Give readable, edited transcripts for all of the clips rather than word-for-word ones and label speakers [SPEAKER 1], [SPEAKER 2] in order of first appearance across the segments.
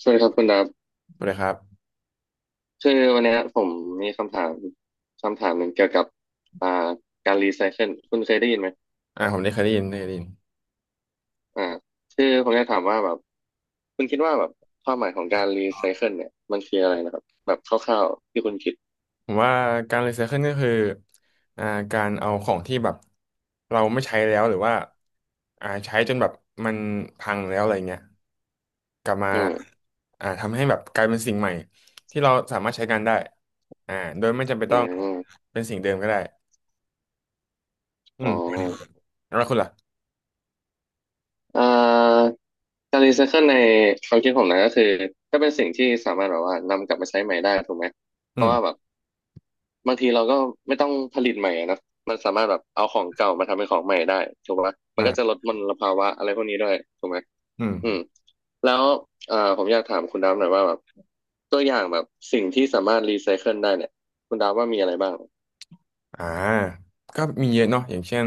[SPEAKER 1] สวัสดีครับคุณดับ
[SPEAKER 2] เลยครับ
[SPEAKER 1] คือวันเนี้ยผมมีคำถามคำถามหนึ่งเกี่ยวกับอ่าการรีไซเคิลคุณเคยได้ยินไหม
[SPEAKER 2] ผมได้เคยได้ยินได้เคยได้ยิน
[SPEAKER 1] อ่าคือผมจะถามว่าแบบคุณคิดว่าแบบความหมายของการรีไซเคิลเนี่ยมันคืออะไรนะครับแบบคร่าวๆที่คุณคิด
[SPEAKER 2] ผมว่าการรีไซเคิลก็คืออ่าการเอาของที่แบบเราไม่ใช้แล้วหรือว่าใช้จนแบบมันพังแล้วอะไรเงี้ยกลับมา
[SPEAKER 1] อืม
[SPEAKER 2] ทำให้แบบกลายเป็นสิ่งใหม่ที่เราสามารถใช้งานได้โดยไม่จำเป็น
[SPEAKER 1] อื
[SPEAKER 2] ต้อง
[SPEAKER 1] มอม
[SPEAKER 2] เป็นสิ่งเดิมก็ได้อื
[SPEAKER 1] อ๋อ
[SPEAKER 2] มแล้วคุณล่ะ
[SPEAKER 1] อ่าการรีไซเคิลในความคิดผมนะก็คือถ้าเป็นสิ่งที่สามารถแบบว่านำกลับมาใช้ใหม่ได้ถูกไหมเพ
[SPEAKER 2] อื
[SPEAKER 1] ราะ
[SPEAKER 2] ม
[SPEAKER 1] ว่าแบบ บางทีเราก็ไม่ต้องผลิตใหม่อะนะ มันสามารถแบบเอาของเก่ามาทำเป็นของใหม่ได้ถูกปะมันก็จะล
[SPEAKER 2] อ่า
[SPEAKER 1] ดมลภาวะอะไรพวกนี้ด้วยถูกไหม
[SPEAKER 2] อืม
[SPEAKER 1] อืมแล้วผมอยากถามคุณดาวหน่อยว่าแบบตัวอย่างแบบสิ่งที่สามารถรีไซเคิลได้เนี่ยคุณดาวว่ามีอะไรบ้าง
[SPEAKER 2] อ่าก็มีเยอะเนาะอย่างเช่น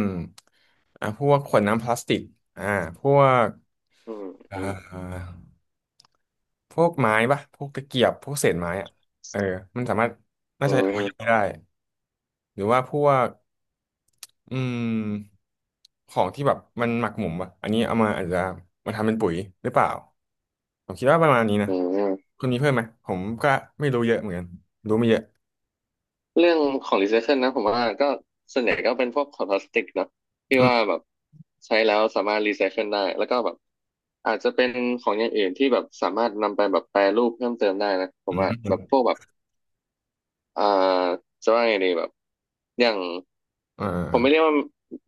[SPEAKER 2] พวกขวดน้ำพลาสติกอ่าพวก
[SPEAKER 1] อืมอื
[SPEAKER 2] อ่า
[SPEAKER 1] ม
[SPEAKER 2] พวกไม้ปะพวกตะเกียบพวกเศษไม้อะเออมันสามารถน่า
[SPEAKER 1] อื
[SPEAKER 2] จะ
[SPEAKER 1] ม
[SPEAKER 2] เอาไปได้หรือว่าพวกอืมของที่แบบมันหมักหมมปะอันนี้เอามาอาจจะมาทำเป็นปุ๋ยหรือเปล่าผมคิดว่าประมาณนี้นะ
[SPEAKER 1] อืม
[SPEAKER 2] คุณมีเพิ่มไหมผมก็ไม่รู้เยอะเหมือนกันรู้ไม่เยอะ
[SPEAKER 1] เรื่องของรีไซเคิลนะผมว่าก็ส่วนใหญ่ก็เป็นพวกขวดพลาสติกเนาะที่
[SPEAKER 2] อื
[SPEAKER 1] ว่า
[SPEAKER 2] ม
[SPEAKER 1] แบบใช้แล้วสามารถรีไซเคิลได้แล้วก็แบบอาจจะเป็นของอย่างอื่นที่แบบสามารถนำไปแบบแปรรูปเพิ่มเติมได้นะผ
[SPEAKER 2] อื
[SPEAKER 1] ม
[SPEAKER 2] ม
[SPEAKER 1] ว่า
[SPEAKER 2] อื
[SPEAKER 1] แบ
[SPEAKER 2] ม
[SPEAKER 1] บพวกแบบอ่าจะว่าไงดีแบบอย่าง
[SPEAKER 2] อ่
[SPEAKER 1] ผมไม่เรียก
[SPEAKER 2] า
[SPEAKER 1] ว่า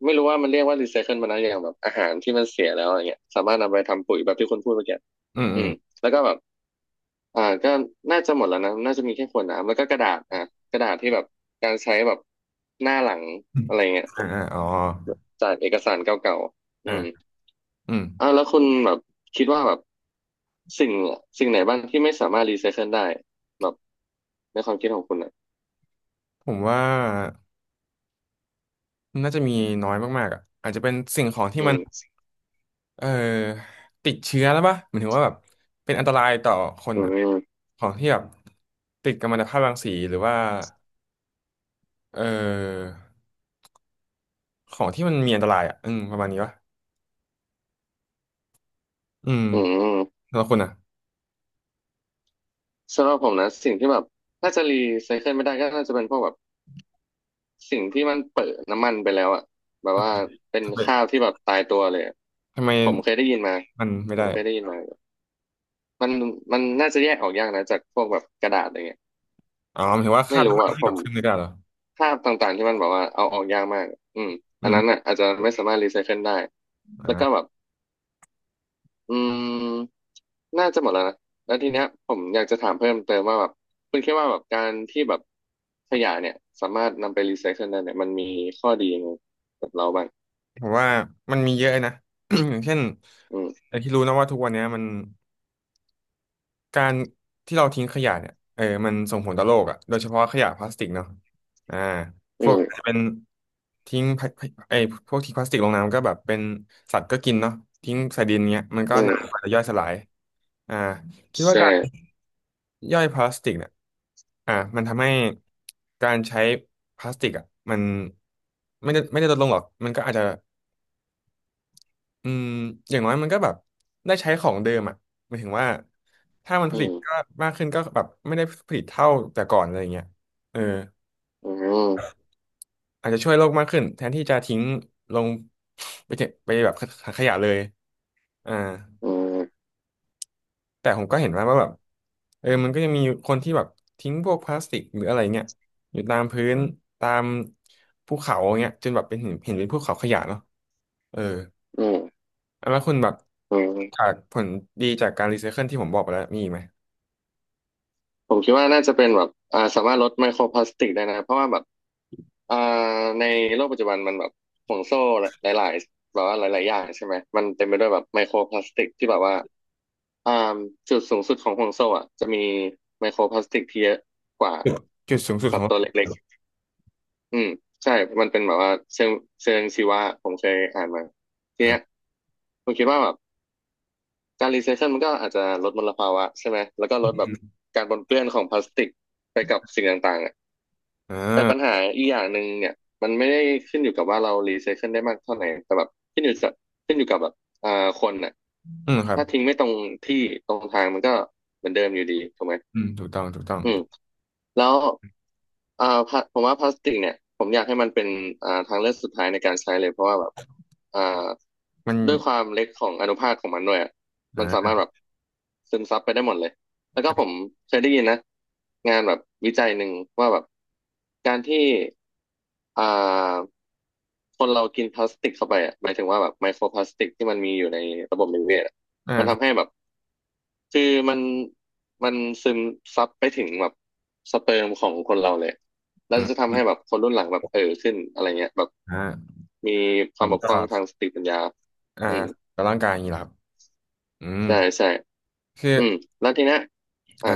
[SPEAKER 1] ไม่รู้ว่ามันเรียกว่ารีไซเคิลมันนะอย่างแบบอาหารที่มันเสียแล้วอะไรเงี้ยสามารถนำไปทำปุ๋ยแบบที่คุณพูดเมื่อกี้
[SPEAKER 2] อืม
[SPEAKER 1] อื
[SPEAKER 2] อืม
[SPEAKER 1] มแล้วก็แบบ ก็น่าจะหมดแล้วนะน่าจะมีแค่ขวดน้ำแล้วก็กระดาษอ่ะกระดาษที่แบบการใช้แบบหน้าหลัง
[SPEAKER 2] อม
[SPEAKER 1] อะไรเงี้ย
[SPEAKER 2] อ่าอ่าอ๋อ
[SPEAKER 1] จากเอกสารเก่าๆ
[SPEAKER 2] อ่า
[SPEAKER 1] อืม
[SPEAKER 2] อืม
[SPEAKER 1] แล้วคุณแบบคิดว่าแบบสิ่งสิ่งไหนบ้างที่ไม่สามารถรีไซเคิลได้แบบในความคิดของคุณอ่ะ
[SPEAKER 2] ผมว่าน่าจะมีน้อยมากๆอ่ะอาจจะเป็นสิ่งของที่
[SPEAKER 1] อื
[SPEAKER 2] มัน
[SPEAKER 1] ม
[SPEAKER 2] เอ่อติดเชื้อแล้วปะหมายถึงว่าแบบเป็นอันตรายต่อคน
[SPEAKER 1] อื
[SPEAKER 2] อ่ะ
[SPEAKER 1] ม
[SPEAKER 2] ของที่แบบติดกัมมันตภาพรังสีหรือว่าเอ่อของที่มันมีอันตรายอ่ะอืมประมาณนี้ปะอืม
[SPEAKER 1] อืม
[SPEAKER 2] แล้วคุณอ่ะ
[SPEAKER 1] สำหรับผมนะสิ่งที่แบบถ้าจะรีไซเคิลไม่ได้ก็น่าจะเป็นพวกแบบสิ่งที่มันเปิดน้ำมันไปแล้วอ่ะแบบว่าเป็น
[SPEAKER 2] ทำไม
[SPEAKER 1] ข้าวที่แบบตายตัวเลยอะ
[SPEAKER 2] ทำไม
[SPEAKER 1] ผมเคยได้ยินมา
[SPEAKER 2] มันไม่
[SPEAKER 1] ผ
[SPEAKER 2] ได้
[SPEAKER 1] มเคยได้ยินมา มันมันน่าจะแยกออกยากนะจากพวกแบบกระดาษอะไรเงี้ย
[SPEAKER 2] อ๋อหมายถึงว่าค
[SPEAKER 1] ไม่
[SPEAKER 2] ราบ
[SPEAKER 1] รู้
[SPEAKER 2] น้ำมัน
[SPEAKER 1] อ่ะผ
[SPEAKER 2] ที่แบ
[SPEAKER 1] ม
[SPEAKER 2] บขึ้นไม่ได้เหรอ
[SPEAKER 1] ภาพต่างๆที่มันบอกว่าเอาออกยากมากอืม
[SPEAKER 2] อื
[SPEAKER 1] อันนั้น
[SPEAKER 2] ม
[SPEAKER 1] อ่ะอาจจะไม่สามารถรีไซเคิลได้แล้วก็
[SPEAKER 2] อ่า
[SPEAKER 1] แบบอืมน่าจะหมดแล้วนะแล้วทีเนี้ยผมอยากจะถามเพิ่มเติมว่าแบบคุณคิดว่าแบบการที่แบบขยะเนี่ยสามารถนำไปรีไซเคิลได้เนี่ยมันมีข้อดียังไงกับเราบ้าง
[SPEAKER 2] ผมว่ามันมีเยอะนะ อย่างเช่น
[SPEAKER 1] อืม
[SPEAKER 2] ไอ้ที่รู้นะว่าทุกวันเนี้ยมัน การที่เราทิ้งขยะเนี่ยเออมันส่งผลต่อโลกอ่ะโดยเฉพาะขยะพลาสติกเนาะอ่าพ
[SPEAKER 1] อื
[SPEAKER 2] วกอาจจะ
[SPEAKER 1] ม
[SPEAKER 2] เป็นทิ้งพลาไอ้พวกทิ้งพลาสติกลงน้ำก็แบบเป็นสัตว์ก็กินเนาะทิ้งใส่ดินเงี้ยมันก็
[SPEAKER 1] อืม
[SPEAKER 2] นานกว่าจะย่อยสลายอ่าคิดว่า
[SPEAKER 1] ใช่
[SPEAKER 2] การย่อยพลาสติกเนี่ยมันทำให้การใช้พลาสติกอ่ะมันไม่ได้ลดลงหรอกมันก็อาจจะ อืมอย่างน้อยมันก็แบบได้ใช้ของเดิมอ่ะหมายถึงว่าถ้ามันผ
[SPEAKER 1] อื
[SPEAKER 2] ลิต
[SPEAKER 1] ม
[SPEAKER 2] ก็มากขึ้นก็แบบไม่ได้ผลิตเท่าแต่ก่อนอะไรเงี้ยเออ
[SPEAKER 1] อืม
[SPEAKER 2] อาจจะช่วยโลกมากขึ้นแทนที่จะทิ้งลงไปเถอะไปแบบถังขยะเลยอ่า
[SPEAKER 1] อืม
[SPEAKER 2] แต่ผมก็เห็นว่าแบบเออมันก็ยังมีคนที่แบบทิ้งพวกพลาสติกหรืออะไรเงี้ยอยู่ตามพื้นตามภูเขาเงี้ยจนแบบเป็นเห็นเป็นภูเขาขยะเนาะเออ
[SPEAKER 1] อืม
[SPEAKER 2] แล้วคุณแบบ
[SPEAKER 1] อืม
[SPEAKER 2] จากผลดีจากการรีไซเคิลที่ผมบอกไปแล้วมีอีกไหม
[SPEAKER 1] ผมคิดว่าน่าจะเป็นแบบสามารถลดไมโครพลาสติกได้นะเพราะว่าแบบอ่าในโลกปัจจุบันมันแบบห่วงโซ่หลายๆแบบว่าหลายๆอย่างใช่ไหมมันเต็มไปด้วยแบบไมโครพลาสติกที่แบบว่าอ่าจุดสูงสุดของห่วงโซ่อ่ะจะมีไมโครพลาสติกที่เยอะกว่า
[SPEAKER 2] จุดจุดสูงสุด
[SPEAKER 1] สั
[SPEAKER 2] ข
[SPEAKER 1] ต
[SPEAKER 2] อ
[SPEAKER 1] ว์ตัว
[SPEAKER 2] ง
[SPEAKER 1] เล็กๆอืมใช่มันเป็นแบบว่าเชิงชีวะผมเคยอ่านมาทีเนี้ย
[SPEAKER 2] อ่า
[SPEAKER 1] ผมคิดว่าแบบการรีไซเคิลมันก็อาจจะลดมลภาวะใช่ไหมแล้วก็ลดแบบการปนเปื้อนของพลาสติกไปกับสิ่งต่างๆอะ
[SPEAKER 2] อ่
[SPEAKER 1] แต่ปัญ
[SPEAKER 2] า
[SPEAKER 1] หาอีกอย่างหนึ่งเนี่ยมันไม่ได้ขึ้นอยู่กับว่าเรารีไซเคิลได้มากเท่าไหร่แต่แบบขึ้นอยู่กับขึ้นอยู่กับแบบอ่าคนน่ะ
[SPEAKER 2] อืมครับ
[SPEAKER 1] ถ้าทิ้งไม่ตรงที่ตรงทางมันก็เหมือนเดิมอยู่ดีถูกไหม
[SPEAKER 2] อืมถูกต้อง
[SPEAKER 1] อืมแล้วอ่าพลาผมว่าพลาสติกเนี่ยผมอยากให้มันเป็นทางเลือกสุดท้ายในการใช้เลยเพราะว่าแบบอ่า
[SPEAKER 2] มัน
[SPEAKER 1] ด้วยความเล็กของอนุภาคของมันด้วยอะมันสามาร
[SPEAKER 2] อ่า
[SPEAKER 1] ถแบบซึมซับไปได้หมดเลยแล้วก็ผมเคยได้ยินนะงานแบบวิจัยหนึ่งว่าแบบการที่อ่าคนเรากินพลาสติกเข้าไปอะหมายถึงว่าแบบไมโครพลาสติกที่มันมีอยู่ในระบบนิเวศอะมัน
[SPEAKER 2] ครั
[SPEAKER 1] ทำให้
[SPEAKER 2] บ
[SPEAKER 1] แบบ คือมันมันซึมซับไปถึงแบบสเปิร์มของคนเราเลย แล้
[SPEAKER 2] อื
[SPEAKER 1] ว
[SPEAKER 2] ม
[SPEAKER 1] จะ
[SPEAKER 2] อ
[SPEAKER 1] ทำ
[SPEAKER 2] ม
[SPEAKER 1] ให้แบบคนรุ่นหลังแบบเออขึ้นอะไรเงี้ยแบบ
[SPEAKER 2] อ่า
[SPEAKER 1] มีควา
[SPEAKER 2] มั
[SPEAKER 1] ม
[SPEAKER 2] น
[SPEAKER 1] บก
[SPEAKER 2] ก็
[SPEAKER 1] พร่องทางสติปัญญา
[SPEAKER 2] อ่า
[SPEAKER 1] อืม
[SPEAKER 2] กับร่างกายอย่างนี้เหรอครับอืม
[SPEAKER 1] ใช่ใช่
[SPEAKER 2] คือ
[SPEAKER 1] อืมแล้วทีเนี้ยอ่ะ
[SPEAKER 2] อ่า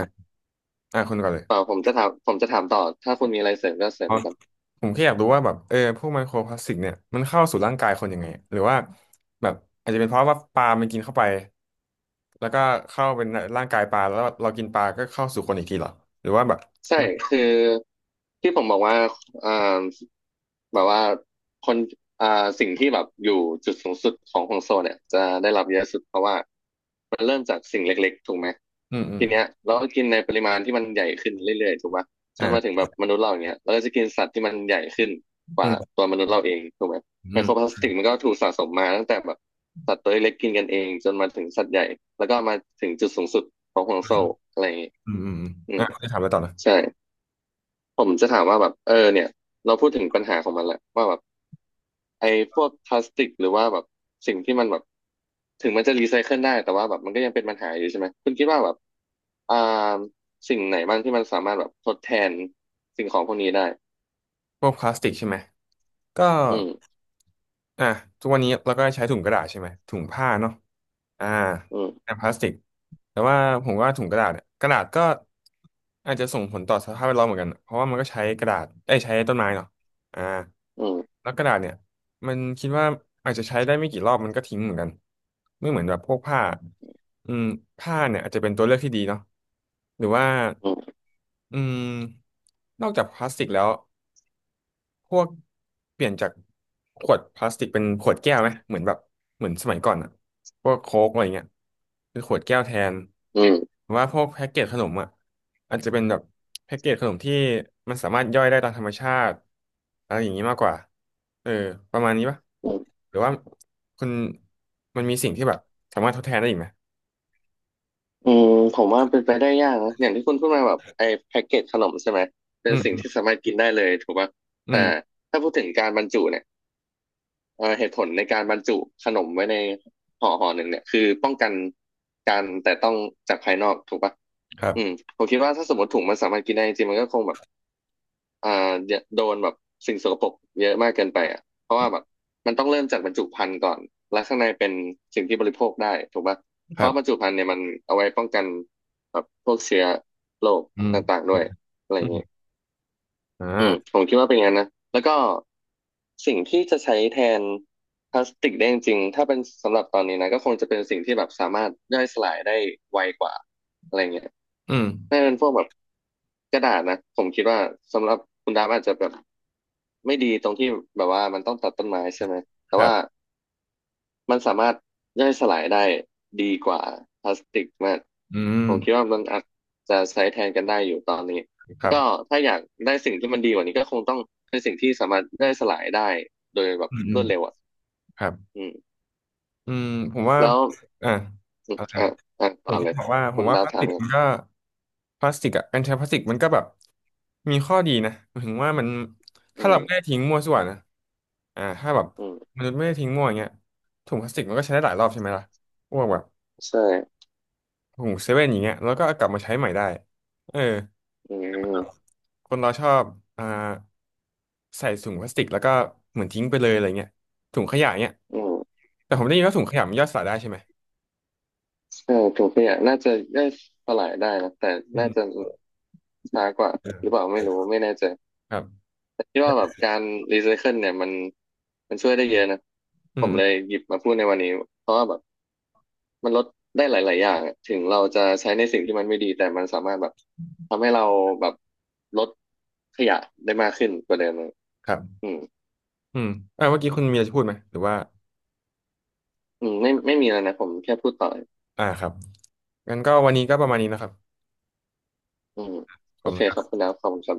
[SPEAKER 2] คุณก่อนเลย
[SPEAKER 1] ต่อผมจะถามต่อถ้าคุณมีอะไรเสริมก็เสริ
[SPEAKER 2] อ๋
[SPEAKER 1] ม
[SPEAKER 2] อ
[SPEAKER 1] มาก่อน
[SPEAKER 2] ผมแค่อยากรู้ว่าแบบเออพวกไมโครพลาสติกเนี่ยมันเข้าสู่ร่างกายคนยังไงหรือว่าแบบอาจจะเป็นเพราะว่าปลามันกินเข้าไปแล้วก็เข้าเป็นร่างกายปลาแล้วเรากินปลาก็เข้าสู่คนอีกทีเหรอหรือว่าแบบ
[SPEAKER 1] ใช่ คือที่ผมบอกว่าอ่าแบบว่าคนอ่า สิ่งที่แบบอยู่จุดสูงสุดของห่วงโซ่เนี่ยจะได้รับเยอะสุดเพราะว่ามันเริ่มจากสิ่งเล็กๆถูกไหม
[SPEAKER 2] อืมอืม
[SPEAKER 1] ทีเนี้ยเราก็กินในปริมาณที่มันใหญ่ขึ้นเรื่อยๆถูกปะจ
[SPEAKER 2] อ่
[SPEAKER 1] นมาถึ
[SPEAKER 2] า
[SPEAKER 1] งแบบมนุษย์เราอย่างเงี้ยเราก็จะกินสัตว์ที่มันใหญ่ขึ้นก
[SPEAKER 2] อื
[SPEAKER 1] ว่า
[SPEAKER 2] ม
[SPEAKER 1] ตัวมนุษย์เราเองถูกไหม
[SPEAKER 2] อื
[SPEAKER 1] ไม
[SPEAKER 2] ม
[SPEAKER 1] โครพลาสติกมันก็ถูกสะสมมาตั้งแต่แบบสัตว์ตัวเล็กๆกินกันเองจนมาถึงสัตว์ใหญ่แล้วก็มาถึงจุดสูงสุดของห่วงโซ่อะไรอย่างงี้
[SPEAKER 2] อืมอืม
[SPEAKER 1] อื
[SPEAKER 2] อ่ะ
[SPEAKER 1] ม
[SPEAKER 2] คุณจะถามอะไรต่อนะ
[SPEAKER 1] ใช่ ผมจะถามว่าแบบเนี่ยเราพูดถึงปัญหาของมันแหละว่าแบบไอ้พวกพลาสติกหรือว่าแบบสิ่งที่มันแบบถึงมันจะรีไซเคิลได้แต่ว่าแบบมันก็ยังเป็นปัญหาอยู่ใช่ไหมคุณคิดว่าแบบอ่าสิ่งไหนบ้างที่มันสามารถแบบทดแทนสิ่งของพวกนี้ได้
[SPEAKER 2] พวกพลาสติกใช่ไหมก็
[SPEAKER 1] อืม
[SPEAKER 2] อ่ะทุกวันนี้เราก็ใช้ถุงกระดาษใช่ไหมถุงผ้าเนาะอ่า
[SPEAKER 1] อืม
[SPEAKER 2] แทนพลาสติกแต่ว่าผมว่าถุงกระดาษเนี่ยกระดาษก็อาจจะส่งผลต่อสภาพแวดล้อมเหมือนกันเพราะว่ามันก็ใช้กระดาษได้ยใช้ต้นไม้เนาะอ่า
[SPEAKER 1] อืม
[SPEAKER 2] แล้วกระดาษเนี่ยมันคิดว่าอาจจะใช้ได้ไม่กี่รอบมันก็ทิ้งเหมือนกันไม่เหมือนแบบพวกผ้าอืมผ้าเนี่ยอาจจะเป็นตัวเลือกที่ดีเนาะหรือว่า
[SPEAKER 1] อืม
[SPEAKER 2] อืมนอกจากพลาสติกแล้ว พวกเปลี่ยนจากขวดพลาสติกเป็นขวดแก้วไหมเหมือนแบบเหมือนสมัยก่อนอะพวกโค้กอะไรเงี้ยเป็นขวดแก้วแทน
[SPEAKER 1] อืม
[SPEAKER 2] หรือว่าพวกแพ็กเกจขนมอะอาจจะเป็นแบบแพ็กเกจขนมที่มันสามารถย่อยได้ตามธรรมชาติอะไรอย่างนี้มากกว่าเออประมาณนี้ปะ
[SPEAKER 1] อืม
[SPEAKER 2] หรือว่าคุณมันมีสิ่งที่แบบสามารถทดแทนได้อีกไหม
[SPEAKER 1] อืมผมว่าเป็นไปได้ยากนะอย่างที่คุณพูดมาแบบไอ้แพ็กเกจขนมใช่ไหมเป็
[SPEAKER 2] อื
[SPEAKER 1] นสิ่งที่
[SPEAKER 2] ม
[SPEAKER 1] สามารถกินได้เลยถูกป่ะ
[SPEAKER 2] อื
[SPEAKER 1] แต่
[SPEAKER 2] ม
[SPEAKER 1] ถ้าพูดถึงการบรรจุเนี่ย เหตุผลในการบรรจุขนมไว้ในห่อหนึ่งเนี่ยคือป้องกันการแต่ต้องจากภายนอกถูกปะ
[SPEAKER 2] ครับ
[SPEAKER 1] อืมผมคิดว่าถ้าสมมติถุงมันสามารถกินได้จริงๆมันก็คงแบบอ่าโดนแบบสิ่งสกปรกเยอะมากเกินไปอ่ะเพราะว่าแบบมันต้องเริ่มจากบรรจุภัณฑ์ก่อนแล้วข้างในเป็นสิ่งที่บริโภคได้ถูกปะเพ
[SPEAKER 2] ครั
[SPEAKER 1] ราะ
[SPEAKER 2] บ
[SPEAKER 1] บรรจุภัณฑ์เนี่ยมันเอาไว้ป้องกันแบบพวกเชื้อโรค
[SPEAKER 2] อื
[SPEAKER 1] ต่า
[SPEAKER 2] ม
[SPEAKER 1] งๆด้วยอะไรอ
[SPEAKER 2] อื
[SPEAKER 1] ย่างเงี้ย
[SPEAKER 2] มอ่
[SPEAKER 1] อืม
[SPEAKER 2] า
[SPEAKER 1] ผมคิดว่าเป็นอย่างนั้นนะแล้วก็สิ่งที่จะใช้แทนพลาสติกได้จริงๆถ้าเป็นสำหรับตอนนี้นะก็คงจะเป็นสิ่งที่แบบสามารถย่อยสลายได้ไวกว่าอะไรเงี้ย
[SPEAKER 2] อืม
[SPEAKER 1] น่าจะเป็นพวกแบบกระดาษนะผมคิดว่าสำหรับคุณดาบอาจจะแบบไม่ดีตรงที่แบบว่ามันต้องตัดต้นไม้ใช่ไหมแต่
[SPEAKER 2] ครั
[SPEAKER 1] ว่า
[SPEAKER 2] บ
[SPEAKER 1] มันสามารถย่อยสลายได้ดีกว่าพลาสติกมาก
[SPEAKER 2] อื
[SPEAKER 1] ผมคิด
[SPEAKER 2] ม
[SPEAKER 1] ว่ามันอาจจะใช้แทนกันได้อยู่ตอนนี้
[SPEAKER 2] ค
[SPEAKER 1] แล้ว
[SPEAKER 2] รับ
[SPEAKER 1] ก็ถ้าอยากได้สิ่งที่มันดีกว่านี้ก็คงต้องเป็นสิ่งที่สามารถย่อยสลายได้โดยแบบ
[SPEAKER 2] อืมอื
[SPEAKER 1] ร
[SPEAKER 2] ม
[SPEAKER 1] วดเร็วอ่ะ
[SPEAKER 2] ครับ
[SPEAKER 1] อืม
[SPEAKER 2] อืมผมว่า
[SPEAKER 1] แล้ว
[SPEAKER 2] อ่า
[SPEAKER 1] อม
[SPEAKER 2] อะไรนะ
[SPEAKER 1] อ่ะอ่ะ
[SPEAKER 2] ผ
[SPEAKER 1] ต่อ
[SPEAKER 2] มแค่
[SPEAKER 1] เลย
[SPEAKER 2] บอกว่าผ
[SPEAKER 1] คุ
[SPEAKER 2] ม
[SPEAKER 1] ณ
[SPEAKER 2] ว่า
[SPEAKER 1] ดา
[SPEAKER 2] พ
[SPEAKER 1] ว
[SPEAKER 2] ลาส
[SPEAKER 1] ถา
[SPEAKER 2] ติ
[SPEAKER 1] ม
[SPEAKER 2] ก
[SPEAKER 1] กัน
[SPEAKER 2] มันก็พลาสติกอ่ะการใช้พลาสติกมันก็แบบมีข้อดีนะหมายถึงว่ามัน
[SPEAKER 1] อื
[SPEAKER 2] ถ้าเรา
[SPEAKER 1] ม
[SPEAKER 2] ไม่ได้ทิ้งมั่วส่วนนะถ้าแบบ
[SPEAKER 1] อืม
[SPEAKER 2] มันษย์ไม่ได้ทิ้งมั่วอย่างเงี้ยถุงพลาสติกมันก็ใช้ได้หลายรอบใช่ไหมล่ะพวกแบบ
[SPEAKER 1] ใช่
[SPEAKER 2] ถุงเซเว่นอย่างเงี้ยแล้วก็เอากลับมาใช้ใหม่ได้เออ
[SPEAKER 1] อืม
[SPEAKER 2] คนเราชอบอ่าใส่ถุงพลาสติกแล้วก็เหมือนทิ้งไปเลยอะไรเงี้ยถุงขยะเงี้ย
[SPEAKER 1] อืม
[SPEAKER 2] แต่ผมได้ยินว่าถุงขยะมันย่อยสลายได้ใช่ไหม
[SPEAKER 1] ใช่ถุงขยะน่าจะได้สลายได้นะแต่
[SPEAKER 2] อื
[SPEAKER 1] น่าจะ
[SPEAKER 2] ม
[SPEAKER 1] ช้ากว่าหรือเปล่าไม่รู้ไม่แน่ใจ
[SPEAKER 2] ครับ
[SPEAKER 1] แต่คิดว่าแบบการรีไซเคิลเนี่ยมันมันช่วยได้เยอะนะ
[SPEAKER 2] อื
[SPEAKER 1] ผม
[SPEAKER 2] ม
[SPEAKER 1] เลย
[SPEAKER 2] อื
[SPEAKER 1] หยิบมาพูดในวันนี้เพราะว่าแบบมันลดได้หลาย ๆ อย่างอะถึงเราจะใช้ในสิ่งที่มันไม่ดีแต่มันสามารถแบบทำให้เราแบบลดขยะได้มากขึ้นกว่าเดิมอะ
[SPEAKER 2] มครับ
[SPEAKER 1] อืม
[SPEAKER 2] อืมเมื่อกี้คุณเมียจะพูดไหมหรือว่า
[SPEAKER 1] อืมไม่ไม่มีแล้วนะผมแค่พูดต่อ
[SPEAKER 2] ครับงั้นก็วันนี้ก็ประมาณนี้นะครับ
[SPEAKER 1] อืม
[SPEAKER 2] ข
[SPEAKER 1] โอ
[SPEAKER 2] อบคุ
[SPEAKER 1] เค
[SPEAKER 2] ณครั
[SPEAKER 1] ครับ
[SPEAKER 2] บ
[SPEAKER 1] คุณดาวขอบคุณครับ